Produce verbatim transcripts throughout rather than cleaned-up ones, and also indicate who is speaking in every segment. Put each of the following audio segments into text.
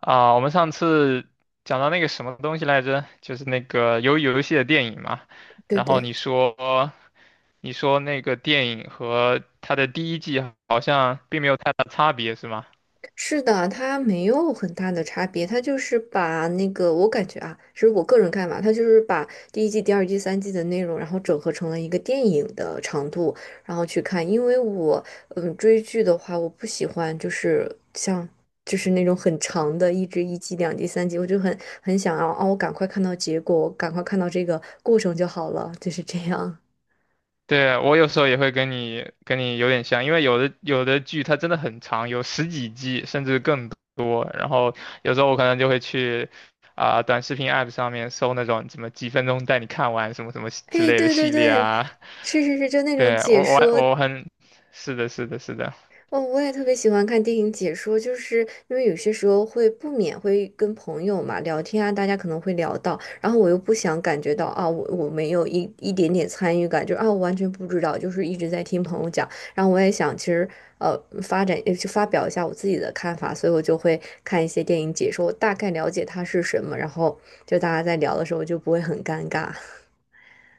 Speaker 1: 啊，我们上次讲到那个什么东西来着？就是那个鱿鱼游戏的电影嘛。
Speaker 2: 对
Speaker 1: 然后你
Speaker 2: 对，
Speaker 1: 说，你说那个电影和它的第一季好像并没有太大差别，是吗？
Speaker 2: 是的，它没有很大的差别，它就是把那个，我感觉啊，是我个人看法，它就是把第一季、第二季、三季的内容，然后整合成了一个电影的长度，然后去看。因为我，嗯，追剧的话，我不喜欢就是像就是那种很长的，一直一季、两季、三集，我就很很想要哦，我赶快看到结果，我赶快看到这个过程就好了，就是这样。
Speaker 1: 对，我有时候也会跟你跟你有点像，因为有的有的剧它真的很长，有十几季甚至更多。然后有时候我可能就会去啊、短视频 app 上面搜那种什么几分钟带你看完什么什么 之
Speaker 2: 哎，
Speaker 1: 类的
Speaker 2: 对对
Speaker 1: 系列
Speaker 2: 对，
Speaker 1: 啊。
Speaker 2: 是是是，就那种
Speaker 1: 对，
Speaker 2: 解
Speaker 1: 我
Speaker 2: 说。
Speaker 1: 我我很，是的，是的，是的，
Speaker 2: 哦，我也特别喜欢看电影解说，就是因为有些时候会不免会跟朋友嘛聊天啊，大家可能会聊到，然后我又不想感觉到啊，我我没有一一点点参与感，就是啊，我完全不知道，就是一直在听朋友讲，然后我也想其实呃发展呃去发表一下我自己的看法，所以我就会看一些电影解说，我大概了解它是什么，然后就大家在聊的时候就不会很尴尬。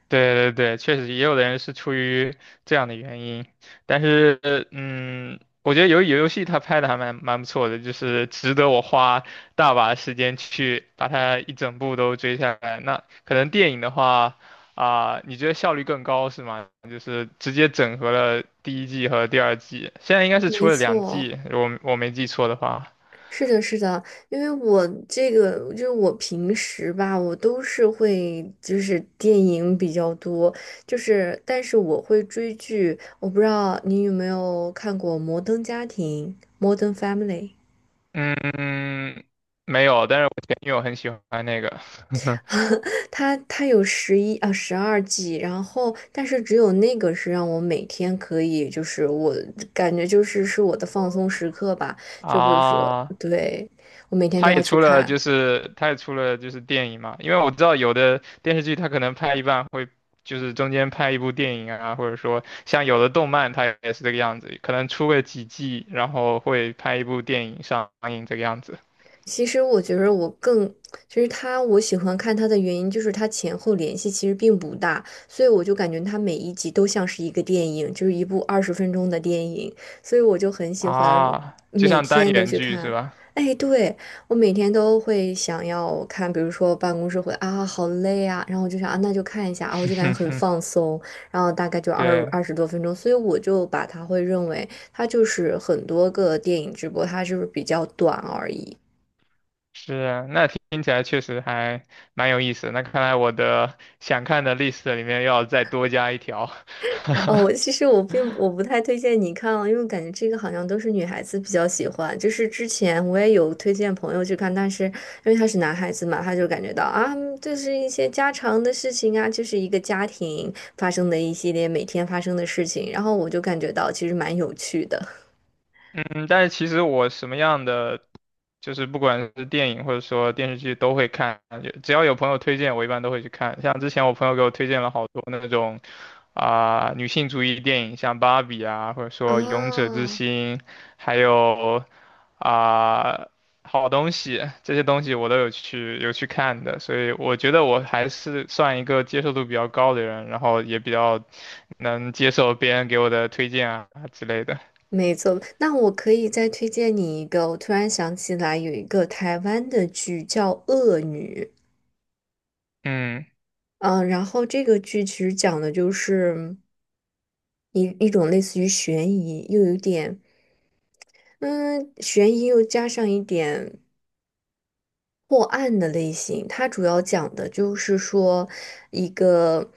Speaker 1: 对对对，确实也有的人是出于这样的原因，但是嗯，我觉得由于游戏它拍的还蛮蛮不错的，就是值得我花大把时间去把它一整部都追下来。那可能电影的话，啊、你觉得效率更高是吗？就是直接整合了第一季和第二季，现在应 该是出
Speaker 2: 没
Speaker 1: 了两
Speaker 2: 错。
Speaker 1: 季，我我没记错的话。
Speaker 2: 是的，是的，因为我这个就是我平时吧，我都是会就是电影比较多，就是但是我会追剧，我不知道你有没有看过《摩登家庭 m o Family),
Speaker 1: 嗯。没有，但是我前女友很喜欢那个
Speaker 2: 它它有十一啊十二季，然后但是只有那个是让我每天可以，就是我感觉就是是我的放松时刻吧，就比如说
Speaker 1: 啊，
Speaker 2: 对我每天都
Speaker 1: 她
Speaker 2: 要
Speaker 1: 也
Speaker 2: 去
Speaker 1: 出了，
Speaker 2: 看。
Speaker 1: 就是她也出了就是电影嘛，因为我知道有的电视剧它可能拍一半会就是中间拍一部电影啊，或者说像有的动漫它也是这个样子，可能出个几季，然后会拍一部电影上映这个样子。
Speaker 2: 其实我觉得我更，其实他我喜欢看他的原因就是他前后联系其实并不大，所以我就感觉他每一集都像是一个电影，就是一部二十分钟的电影，所以我就很喜欢
Speaker 1: 啊，就
Speaker 2: 每
Speaker 1: 像单
Speaker 2: 天都
Speaker 1: 元
Speaker 2: 去
Speaker 1: 剧是
Speaker 2: 看。
Speaker 1: 吧？
Speaker 2: 哎，对，我每天都会想要看，比如说办公室会啊，好累啊，然后我就想啊，那就看一下啊，我就感觉很 放松，然后大概就二
Speaker 1: 对。
Speaker 2: 二十多分钟，所以我就把它会认为它就是很多个电影直播，它就是比较短而已。
Speaker 1: 是啊，那听起来确实还蛮有意思的。那看来我的想看的 list 里面要再多加一条。
Speaker 2: 哦，我其实我并我不太推荐你看了，因为感觉这个好像都是女孩子比较喜欢。就是之前我也有推荐朋友去看，但是因为他是男孩子嘛，他就感觉到啊，就是一些家常的事情啊，就是一个家庭发生的一系列每天发生的事情，然后我就感觉到其实蛮有趣的。
Speaker 1: 嗯，但是其实我什么样的，就是不管是电影或者说电视剧都会看，就只要有朋友推荐，我一般都会去看。像之前我朋友给我推荐了好多那种啊、女性主义电影，像《芭比》啊，或者说《勇者之
Speaker 2: 啊，
Speaker 1: 心》，还有啊、好东西，这些东西我都有去有去看的，所以我觉得我还是算一个接受度比较高的人，然后也比较能接受别人给我的推荐啊之类的。
Speaker 2: 没错，那我可以再推荐你一个，我突然想起来有一个台湾的剧叫《恶女》。
Speaker 1: 嗯。
Speaker 2: 嗯，呃然后这个剧其实讲的就是一一种类似于悬疑，又有点嗯悬疑，又加上一点破案的类型，它主要讲的就是说一个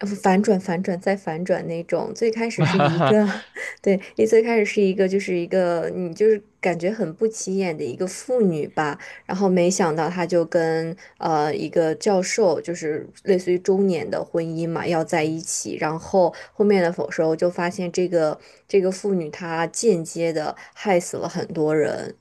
Speaker 2: 呃反转、反转再反转那种。最开始是一个，对，你最开始是一个，就是一个你就是感觉很不起眼的一个妇女吧，然后没想到她就跟呃一个教授，就是类似于中年的婚姻嘛，要在一起。然后后面的时候就发现这个这个妇女她间接的害死了很多人。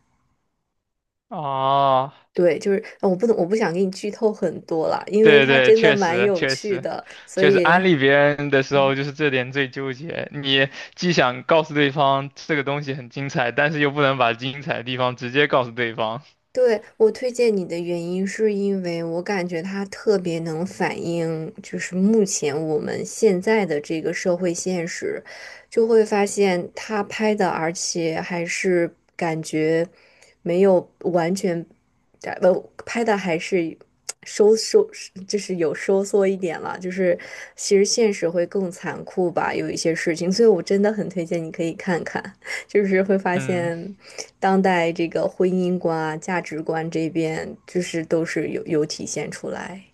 Speaker 1: 哦，
Speaker 2: 对，就是呃我不能，我不想给你剧透很多了，因为
Speaker 1: 对
Speaker 2: 它
Speaker 1: 对，
Speaker 2: 真的
Speaker 1: 确
Speaker 2: 蛮
Speaker 1: 实
Speaker 2: 有
Speaker 1: 确
Speaker 2: 趣
Speaker 1: 实
Speaker 2: 的，所
Speaker 1: 确实，
Speaker 2: 以
Speaker 1: 安利别人的时候就是这点最纠结。你既想告诉对方这个东西很精彩，但是又不能把精彩的地方直接告诉对方。
Speaker 2: 对，我推荐你的原因是因为我感觉他特别能反映，就是目前我们现在的这个社会现实，就会发现他拍的，而且还是感觉没有完全，呃，拍的还是收收，就是有收缩一点了，就是其实现实会更残酷吧，有一些事情，所以我真的很推荐你可以看看，就是会发
Speaker 1: 嗯
Speaker 2: 现。当代这个婚姻观啊、价值观这边，就是都是有有体现出来。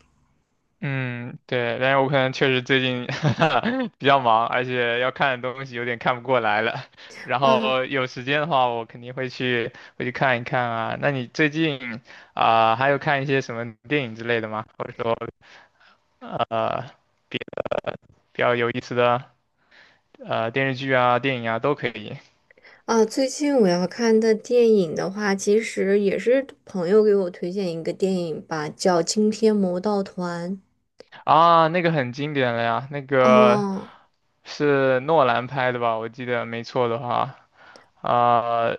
Speaker 1: 嗯，对，但是我可能确实最近 比较忙，而且要看的东西有点看不过来了。然
Speaker 2: 哇
Speaker 1: 后有时间的话，我肯定会去会去看一看啊。那你最近啊，还有看一些什么电影之类的吗？或者说呃。比较有意思的呃电视剧啊、电影啊都可以。
Speaker 2: 啊！最近我要看的电影的话，其实也是朋友给我推荐一个电影吧，叫《惊天魔盗团》。
Speaker 1: 啊，那个很经典了呀，那个
Speaker 2: 哦，
Speaker 1: 是诺兰拍的吧？我记得没错的话，啊、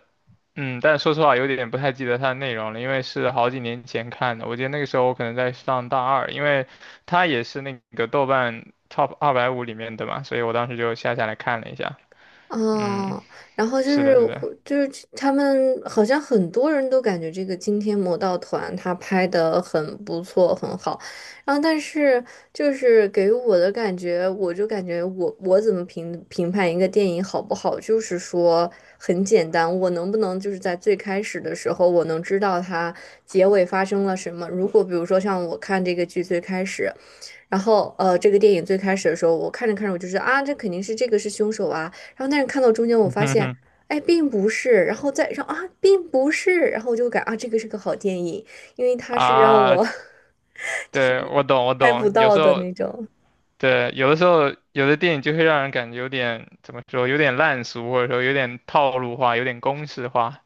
Speaker 1: 嗯，但说实话有点不太记得它的内容了，因为是好几年前看的。我记得那个时候我可能在上大二，因为它也是那个豆瓣 Top 二百五里面的嘛，所以我当时就下下来看了一下。嗯，
Speaker 2: 哦，然后就
Speaker 1: 是
Speaker 2: 是
Speaker 1: 的，是的。
Speaker 2: 会就是他们好像很多人都感觉这个惊天魔盗团他拍的很不错很好，然后但是就是给我的感觉，我就感觉我我怎么评评判一个电影好不好，就是说很简单，我能不能就是在最开始的时候我能知道它结尾发生了什么？如果比如说像我看这个剧最开始。然后呃，这个电影最开始的时候，我看着看着，我就是啊，这肯定是这个是凶手啊。然后但是看到中间，我发现，哎，并不是。然后再让啊，并不是。然后我就感啊，这个是个好电影，因为 它是让
Speaker 1: 啊，
Speaker 2: 我
Speaker 1: 对，我懂，我
Speaker 2: 拍不
Speaker 1: 懂。有
Speaker 2: 到
Speaker 1: 时
Speaker 2: 的
Speaker 1: 候
Speaker 2: 那种。
Speaker 1: 对，有的时候有的电影就会让人感觉有点怎么说，有点烂俗，或者说有点套路化，有点公式化。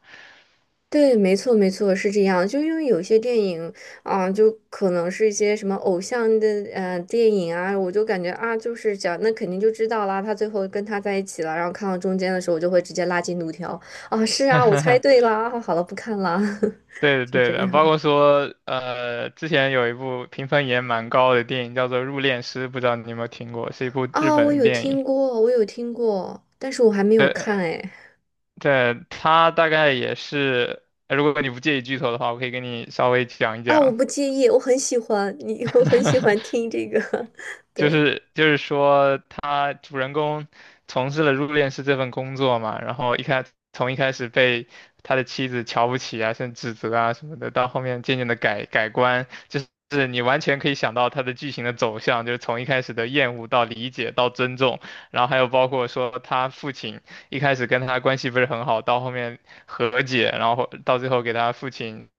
Speaker 2: 对，没错，没错，是这样。就因为有些电影啊，就可能是一些什么偶像的呃电影啊，我就感觉啊，就是讲那肯定就知道啦，他最后跟他在一起了。然后看到中间的时候，我就会直接拉进度条啊，是啊，我猜对 啦，啊好了，不看啦，
Speaker 1: 对的，
Speaker 2: 就
Speaker 1: 对
Speaker 2: 这
Speaker 1: 的，包
Speaker 2: 样
Speaker 1: 括说，呃，之前有一部评分也蛮高的电影叫做《入殓师》，不知道你有没有听过，是一部日
Speaker 2: 啊。
Speaker 1: 本
Speaker 2: 我
Speaker 1: 的
Speaker 2: 有
Speaker 1: 电影。
Speaker 2: 听过，我有听过，但是我还没有看哎。
Speaker 1: 对，它大概也是，呃如果你不介意剧透的话，我可以给你稍微讲一
Speaker 2: 啊，我
Speaker 1: 讲。
Speaker 2: 不介意，我很喜欢你，我很喜欢 听这个，
Speaker 1: 就
Speaker 2: 对，
Speaker 1: 是就是说，他主人公从事了入殓师这份工作嘛，然后一开从一开始被他的妻子瞧不起啊，甚至指责啊什么的，到后面渐渐的改改观，就是是你完全可以想到他的剧情的走向，就是从一开始的厌恶到理解到尊重，然后还有包括说他父亲一开始跟他关系不是很好，到后面和解，然后到最后给他父亲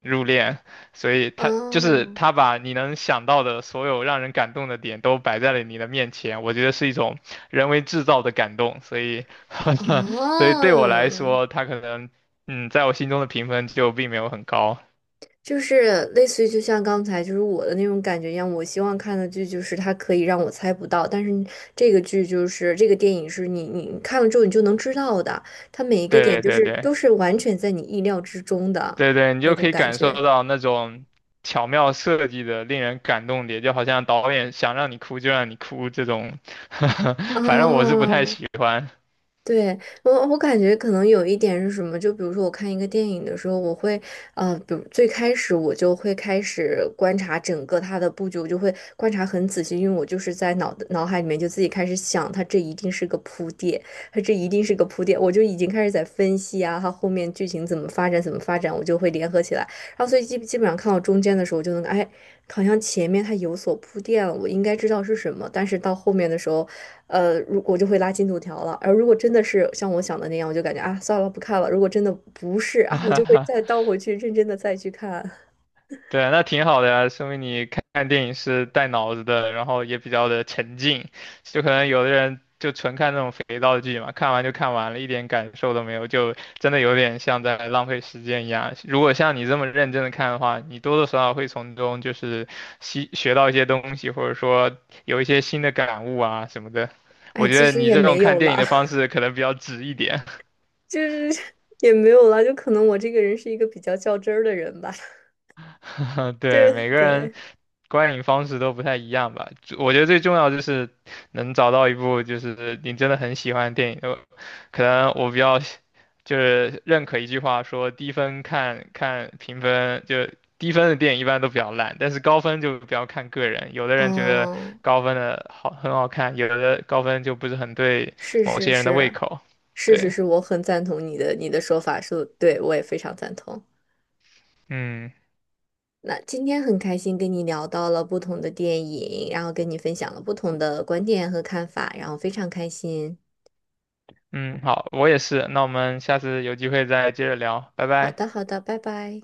Speaker 1: 入殓，所以他就是
Speaker 2: 哦，
Speaker 1: 他把你能想到的所有让人感动的点都摆在了你的面前，我觉得是一种人为制造的感动，所以，所以对我来
Speaker 2: 哦。
Speaker 1: 说，他可能嗯，在我心中的评分就并没有很高。
Speaker 2: 就是类似于就像刚才就是我的那种感觉一样，我希望看的剧就是它可以让我猜不到，但是这个剧就是这个电影是你你看了之后你就能知道的，它每一个点
Speaker 1: 对
Speaker 2: 就
Speaker 1: 对
Speaker 2: 是
Speaker 1: 对
Speaker 2: 都是完全在你意料之中的
Speaker 1: 对对，你
Speaker 2: 那
Speaker 1: 就可
Speaker 2: 种
Speaker 1: 以
Speaker 2: 感
Speaker 1: 感受
Speaker 2: 觉。
Speaker 1: 到那种巧妙设计的令人感动点，就好像导演想让你哭就让你哭这种，
Speaker 2: 啊。
Speaker 1: 反正我是不太喜欢。
Speaker 2: 对，我我感觉可能有一点是什么，就比如说我看一个电影的时候，我会，呃，比如最开始我就会开始观察整个它的布局，我就会观察很仔细，因为我就是在脑脑海里面就自己开始想，它这一定是个铺垫，它这一定是个铺垫，我就已经开始在分析啊，它后面剧情怎么发展，怎么发展，我就会联合起来，然后所以基基本上看到中间的时候，我就能，哎，好像前面它有所铺垫了，我应该知道是什么，但是到后面的时候。呃，如我就会拉进度条了。而如果真的是像我想的那样，我就感觉啊，算了，不看了。如果真的不是啊，我就会 再倒回去，认真的再去看。
Speaker 1: 对，那挺好的呀，说明你看看电影是带脑子的，然后也比较的沉浸。就可能有的人就纯看那种肥皂剧嘛，看完就看完了，一点感受都没有，就真的有点像在浪费时间一样。如果像你这么认真的看的话，你多多少少会从中就是吸学到一些东西，或者说有一些新的感悟啊什么的。
Speaker 2: 哎，
Speaker 1: 我觉
Speaker 2: 其
Speaker 1: 得
Speaker 2: 实
Speaker 1: 你
Speaker 2: 也
Speaker 1: 这种
Speaker 2: 没
Speaker 1: 看
Speaker 2: 有
Speaker 1: 电影
Speaker 2: 啦，
Speaker 1: 的方式可能比较直一点，
Speaker 2: 就是也没有啦，就可能我这个人是一个比较较真儿的人吧，就
Speaker 1: 对，每个人
Speaker 2: 对，
Speaker 1: 观影方式都不太一样吧。就我觉得最重要就是能找到一部就是你真的很喜欢的电影。呃可能我比较喜就是认可一句话说，低分看看评分，就低分的电影一般都比较烂，但是高分就比较看个人。有的人觉得
Speaker 2: 嗯，
Speaker 1: 高分的好很好看，有的高分就不是很对
Speaker 2: 是
Speaker 1: 某
Speaker 2: 是
Speaker 1: 些人的胃
Speaker 2: 是，
Speaker 1: 口。
Speaker 2: 是是
Speaker 1: 对，
Speaker 2: 是，我很赞同你的你的说法，是对我也非常赞同。
Speaker 1: 嗯
Speaker 2: 那今天很开心跟你聊到了不同的电影，然后跟你分享了不同的观点和看法，然后非常开心。
Speaker 1: 嗯，好，我也是。那我们下次有机会再接着聊，拜
Speaker 2: 好
Speaker 1: 拜。
Speaker 2: 的，好的，拜拜。